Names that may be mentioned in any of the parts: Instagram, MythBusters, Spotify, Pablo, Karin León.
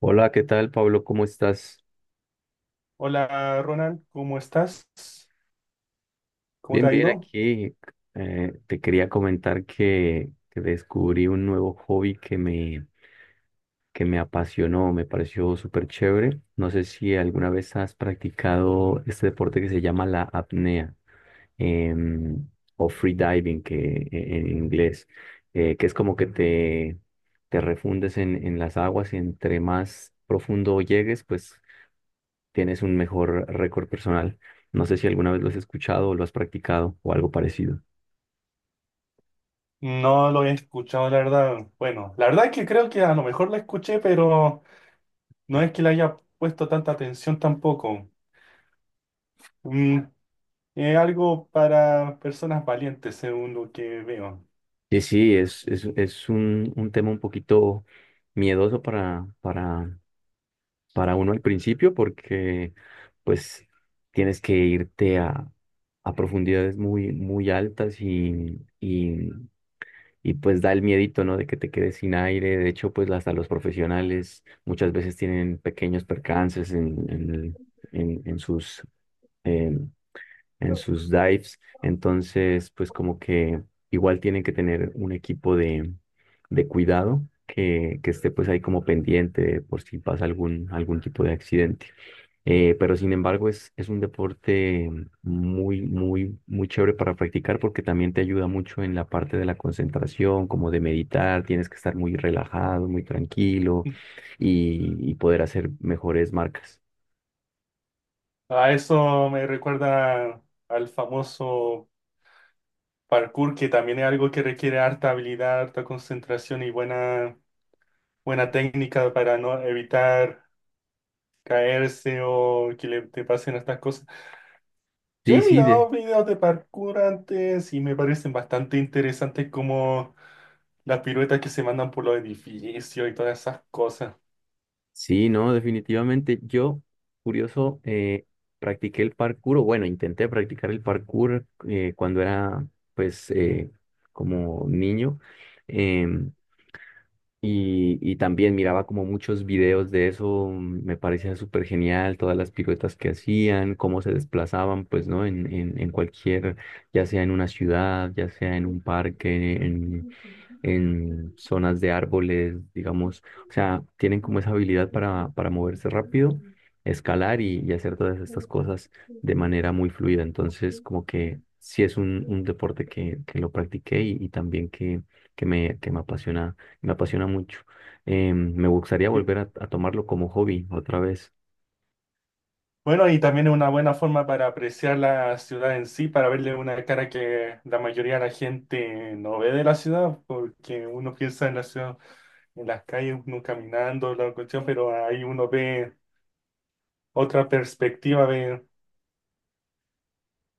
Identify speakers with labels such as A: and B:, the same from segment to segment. A: Hola, ¿qué tal, Pablo? ¿Cómo estás?
B: Hola Ronald, ¿cómo estás? ¿Cómo te
A: Bien,
B: ha
A: bien,
B: ido?
A: aquí te quería comentar que descubrí un nuevo hobby que me apasionó, me pareció súper chévere. No sé si alguna vez has practicado este deporte que se llama la apnea em, o free diving, en inglés, que es como que te refundes en las aguas y entre más profundo llegues, pues tienes un mejor récord personal. No sé si alguna vez lo has escuchado o lo has practicado o algo parecido.
B: No lo he escuchado, la verdad. Bueno, la verdad es que creo que a lo mejor la escuché, pero no es que le haya puesto tanta atención tampoco. Mm, es algo para personas valientes, según lo que veo.
A: Sí, sí, es un tema un poquito miedoso para uno al principio porque pues tienes que a profundidades muy, muy altas y pues da el miedito, ¿no? De que te quedes sin aire. De hecho, pues hasta los profesionales muchas veces tienen pequeños percances en sus... em, en sus dives. Entonces, pues como que igual tienen que tener un equipo de cuidado que esté pues ahí como pendiente por si pasa algún tipo de accidente. Pero sin embargo es un deporte muy, muy, muy chévere para practicar porque también te ayuda mucho en la parte de la concentración, como de meditar, tienes que estar muy relajado, muy tranquilo y poder hacer mejores marcas.
B: A eso me recuerda al famoso parkour, que también es algo que requiere harta habilidad, harta concentración y buena técnica para no evitar caerse o que le te pasen estas cosas. Yo
A: Sí,
B: he
A: sí, de,
B: mirado videos de parkour antes y me parecen bastante interesantes como las piruetas que se mandan por los edificios y todas esas cosas.
A: Sí, no, definitivamente. Curioso, practiqué el parkour, o bueno, intenté practicar el parkour cuando era, pues, como niño. em, y y también miraba como muchos videos de eso, me parecía súper genial, todas las piruetas que hacían, cómo se desplazaban, pues, ¿no? En cualquier, ya sea en una ciudad, ya sea en un parque, en zonas de árboles, digamos. O sea, tienen como esa habilidad para moverse rápido, escalar y hacer todas estas cosas de manera muy fluida. Entonces, como que sí es un deporte que lo practiqué y también que me apasiona mucho. Me gustaría
B: Y
A: volver a tomarlo como hobby otra vez.
B: bueno, y también es una buena forma para apreciar la ciudad en sí, para verle una cara que la mayoría de la gente no ve de la ciudad, porque uno piensa en la ciudad, en las calles, uno caminando, la cuestión, pero ahí uno ve otra perspectiva, ve.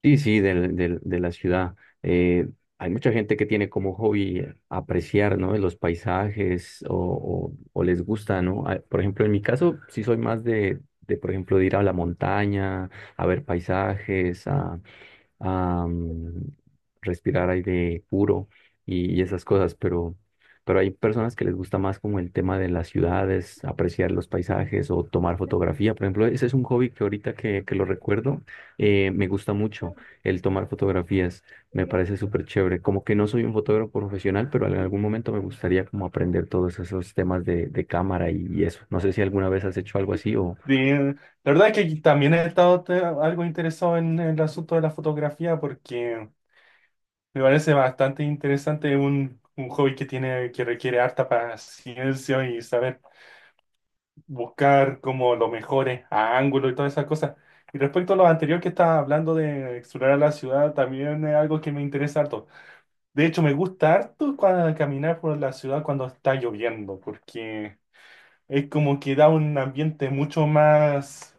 A: Sí, sí, de la ciudad. Eh, Hay mucha gente que tiene como hobby apreciar, ¿no? Los paisajes o, o les gusta, ¿no? Ah, por ejemplo, en mi caso, sí soy más de, por ejemplo, de ir a la montaña, a ver paisajes, a respirar aire puro y esas cosas, pero hay personas que les gusta más como el tema de las ciudades, apreciar los paisajes o tomar fotografía. Por ejemplo, ese es un hobby que ahorita que lo recuerdo, me gusta mucho el tomar fotografías, me parece súper chévere. Como que no soy un fotógrafo profesional, pero en algún momento me gustaría como aprender todos esos temas de cámara y eso. No sé si alguna vez has hecho algo así o...
B: Sí, la verdad es que también he estado algo interesado en el asunto de la fotografía porque me parece bastante interesante un hobby que tiene, que requiere harta paciencia y saber buscar como los mejores ángulos y todas esas cosas. Y respecto a lo anterior que estaba hablando de explorar la ciudad, también es algo que me interesa harto. De hecho, me gusta harto cuando caminar por la ciudad cuando está lloviendo porque es como que da un ambiente mucho más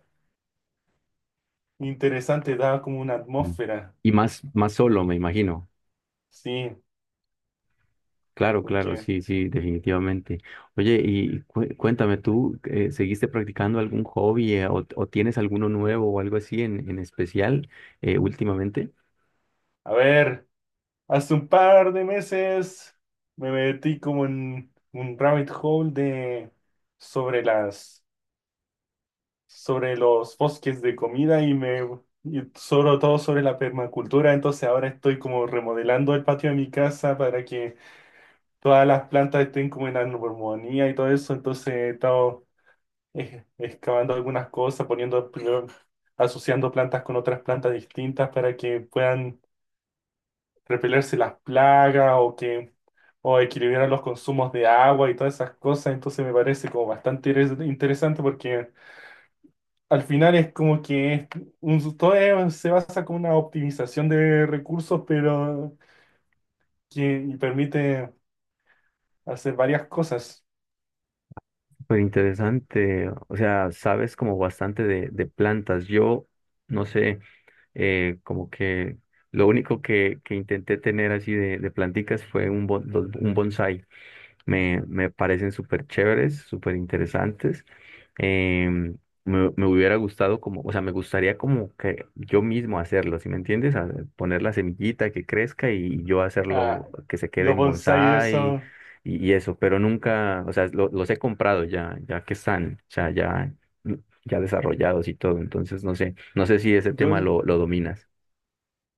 B: interesante, da como una atmósfera.
A: Y más, más solo, me imagino.
B: Sí,
A: Claro, claro,
B: porque,
A: sí, sí, definitivamente. Oye, y cuéntame, ¿tú seguiste practicando algún hobby o tienes alguno nuevo o algo así en especial últimamente?
B: a ver, hace un par de meses me metí como en un rabbit hole de sobre las sobre los bosques de comida y sobre todo sobre la permacultura. Entonces ahora estoy como remodelando el patio de mi casa para que todas las plantas estén como en armonía y todo eso. Entonces he estado excavando algunas cosas, poniendo, primero, asociando plantas con otras plantas distintas para que puedan repelerse las plagas o equilibrar los consumos de agua y todas esas cosas. Entonces me parece como bastante interesante porque al final es como que es un, todo se basa como una optimización de recursos, pero que permite hacer varias cosas.
A: Pero interesante, o sea, sabes como bastante de plantas. Yo, no sé, como que lo único que intenté tener así de planticas fue un bonsai. Me parecen súper chéveres, súper interesantes. Em, Me hubiera gustado como, o sea, me gustaría como que yo mismo hacerlo, ¿si me entiendes? Poner la semillita que crezca y yo
B: Ah,
A: hacerlo que se quede
B: los
A: en
B: bonsai,
A: bonsái
B: eso.
A: y eso, pero nunca, o sea, los he comprado ya, ya que están, o sea, ya, ya desarrollados y todo, entonces no sé, no sé si ese
B: Yo
A: tema lo dominas.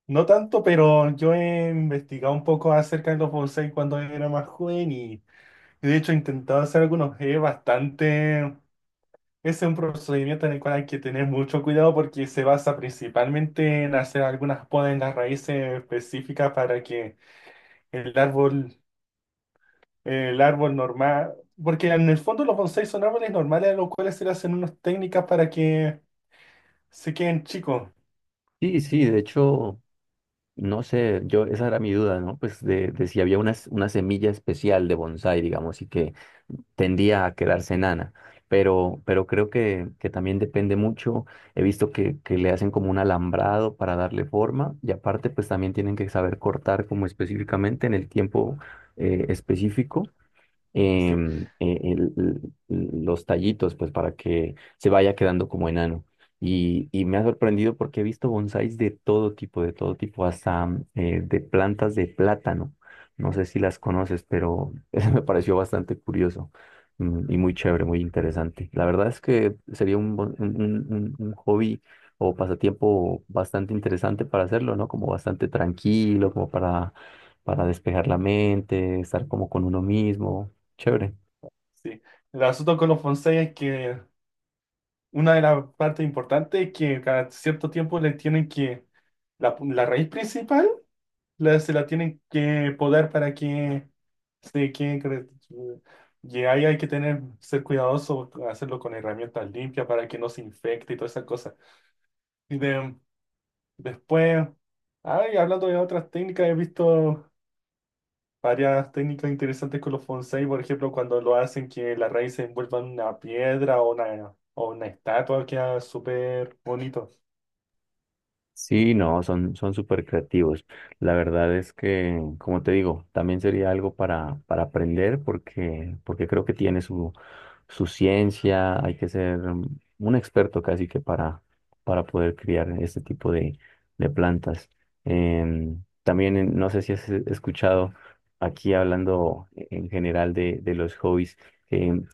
B: no tanto, pero yo he investigado un poco acerca de los bonsai cuando era más joven y de hecho he intentado hacer algunos. Es bastante, ese es un procedimiento en el cual hay que tener mucho cuidado porque se basa principalmente en hacer algunas podas en las raíces específicas para que el árbol, el árbol normal, porque en el fondo los bonsai son árboles normales a los cuales se le hacen unas técnicas para que se queden chicos.
A: Sí, sí, de hecho. No sé, yo esa era mi duda, ¿no? Pues de si había una, una semilla especial de bonsái, digamos, y que tendía a quedarse enana. Pero creo que también depende mucho. He visto que le hacen como un alambrado para darle forma y aparte pues también tienen que saber cortar como específicamente en el tiempo específico
B: Sí,
A: em, eh, el- los tallitos, pues para que se vaya quedando como enano. Y y me ha sorprendido porque he visto bonsáis de todo tipo, hasta de plantas de plátano. No sé si las conoces, pero eso me pareció bastante curioso y muy chévere, muy interesante. La verdad es que sería un, bon- un hobby o pasatiempo bastante interesante para hacerlo, ¿no? Como bastante tranquilo, como para despejar la mente, estar como con uno mismo. Chévere.
B: sí. El asunto con los bonsai es que una de las partes importantes es que cada cierto tiempo le tienen que, la raíz principal la, se la tienen que podar para que se quede. Y ahí hay que tener, ser cuidadoso, hacerlo con herramientas limpias para que no se infecte y todas esas cosas. Y después, ay, hablando de otras técnicas, he visto varias técnicas interesantes con los fonsei, por ejemplo, cuando lo hacen que la raíz se envuelva en una piedra o una estatua, queda súper bonito.
A: Sí, no, son, son súper creativos. La verdad es que, como te digo, también sería algo para aprender porque, porque creo que tiene su, su ciencia. Hay que ser un experto casi que para poder criar este tipo de plantas. También, no sé si has escuchado aquí hablando en general de los hobbies. em,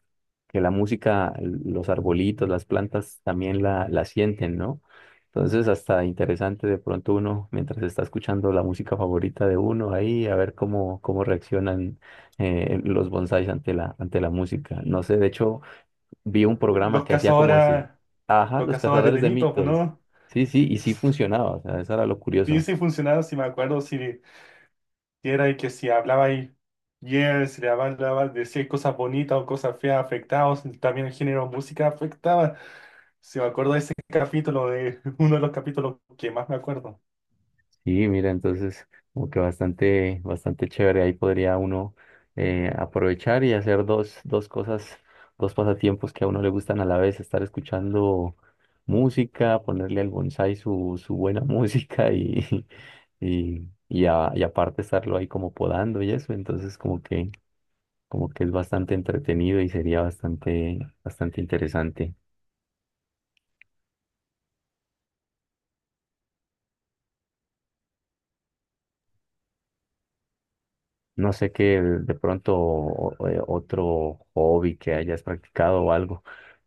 A: que la música, los arbolitos, las plantas también la sienten, ¿no? Entonces, hasta interesante de pronto uno, mientras está escuchando la música favorita de uno, ahí a ver cómo, cómo reaccionan los bonsáis ante ante la música. No sé, de hecho, vi un programa
B: Los
A: que hacía como
B: cazadores,
A: ese, ajá,
B: los
A: los
B: cazadores
A: cazadores
B: de
A: de
B: mitos,
A: mitos.
B: ¿no?
A: Sí, sí, y sí funcionaba, o sea, eso era lo
B: Sí,
A: curioso.
B: sí funcionaba, si me acuerdo, si era que si hablabais bien, si le hablabas, decías cosas bonitas o cosas feas, afectados, también el género de música afectaba. Si me acuerdo de ese capítulo, de uno de los capítulos que más me acuerdo.
A: Sí, mira, entonces como que bastante, bastante chévere. Ahí podría uno aprovechar y hacer dos, dos cosas, dos pasatiempos que a uno le gustan a la vez, estar escuchando música, ponerle al bonsái su, su buena música y aparte estarlo ahí como podando y eso. Entonces como que es bastante entretenido y sería bastante, bastante interesante. No sé qué de pronto otro hobby que hayas practicado o algo,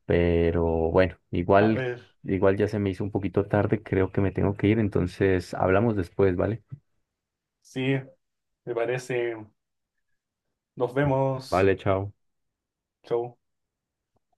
A: pero bueno,
B: A
A: igual,
B: ver,
A: igual ya se me hizo un poquito tarde, creo que me tengo que ir, entonces hablamos después, ¿vale?
B: sí, me parece. Nos vemos.
A: Vale, chao.
B: Chau.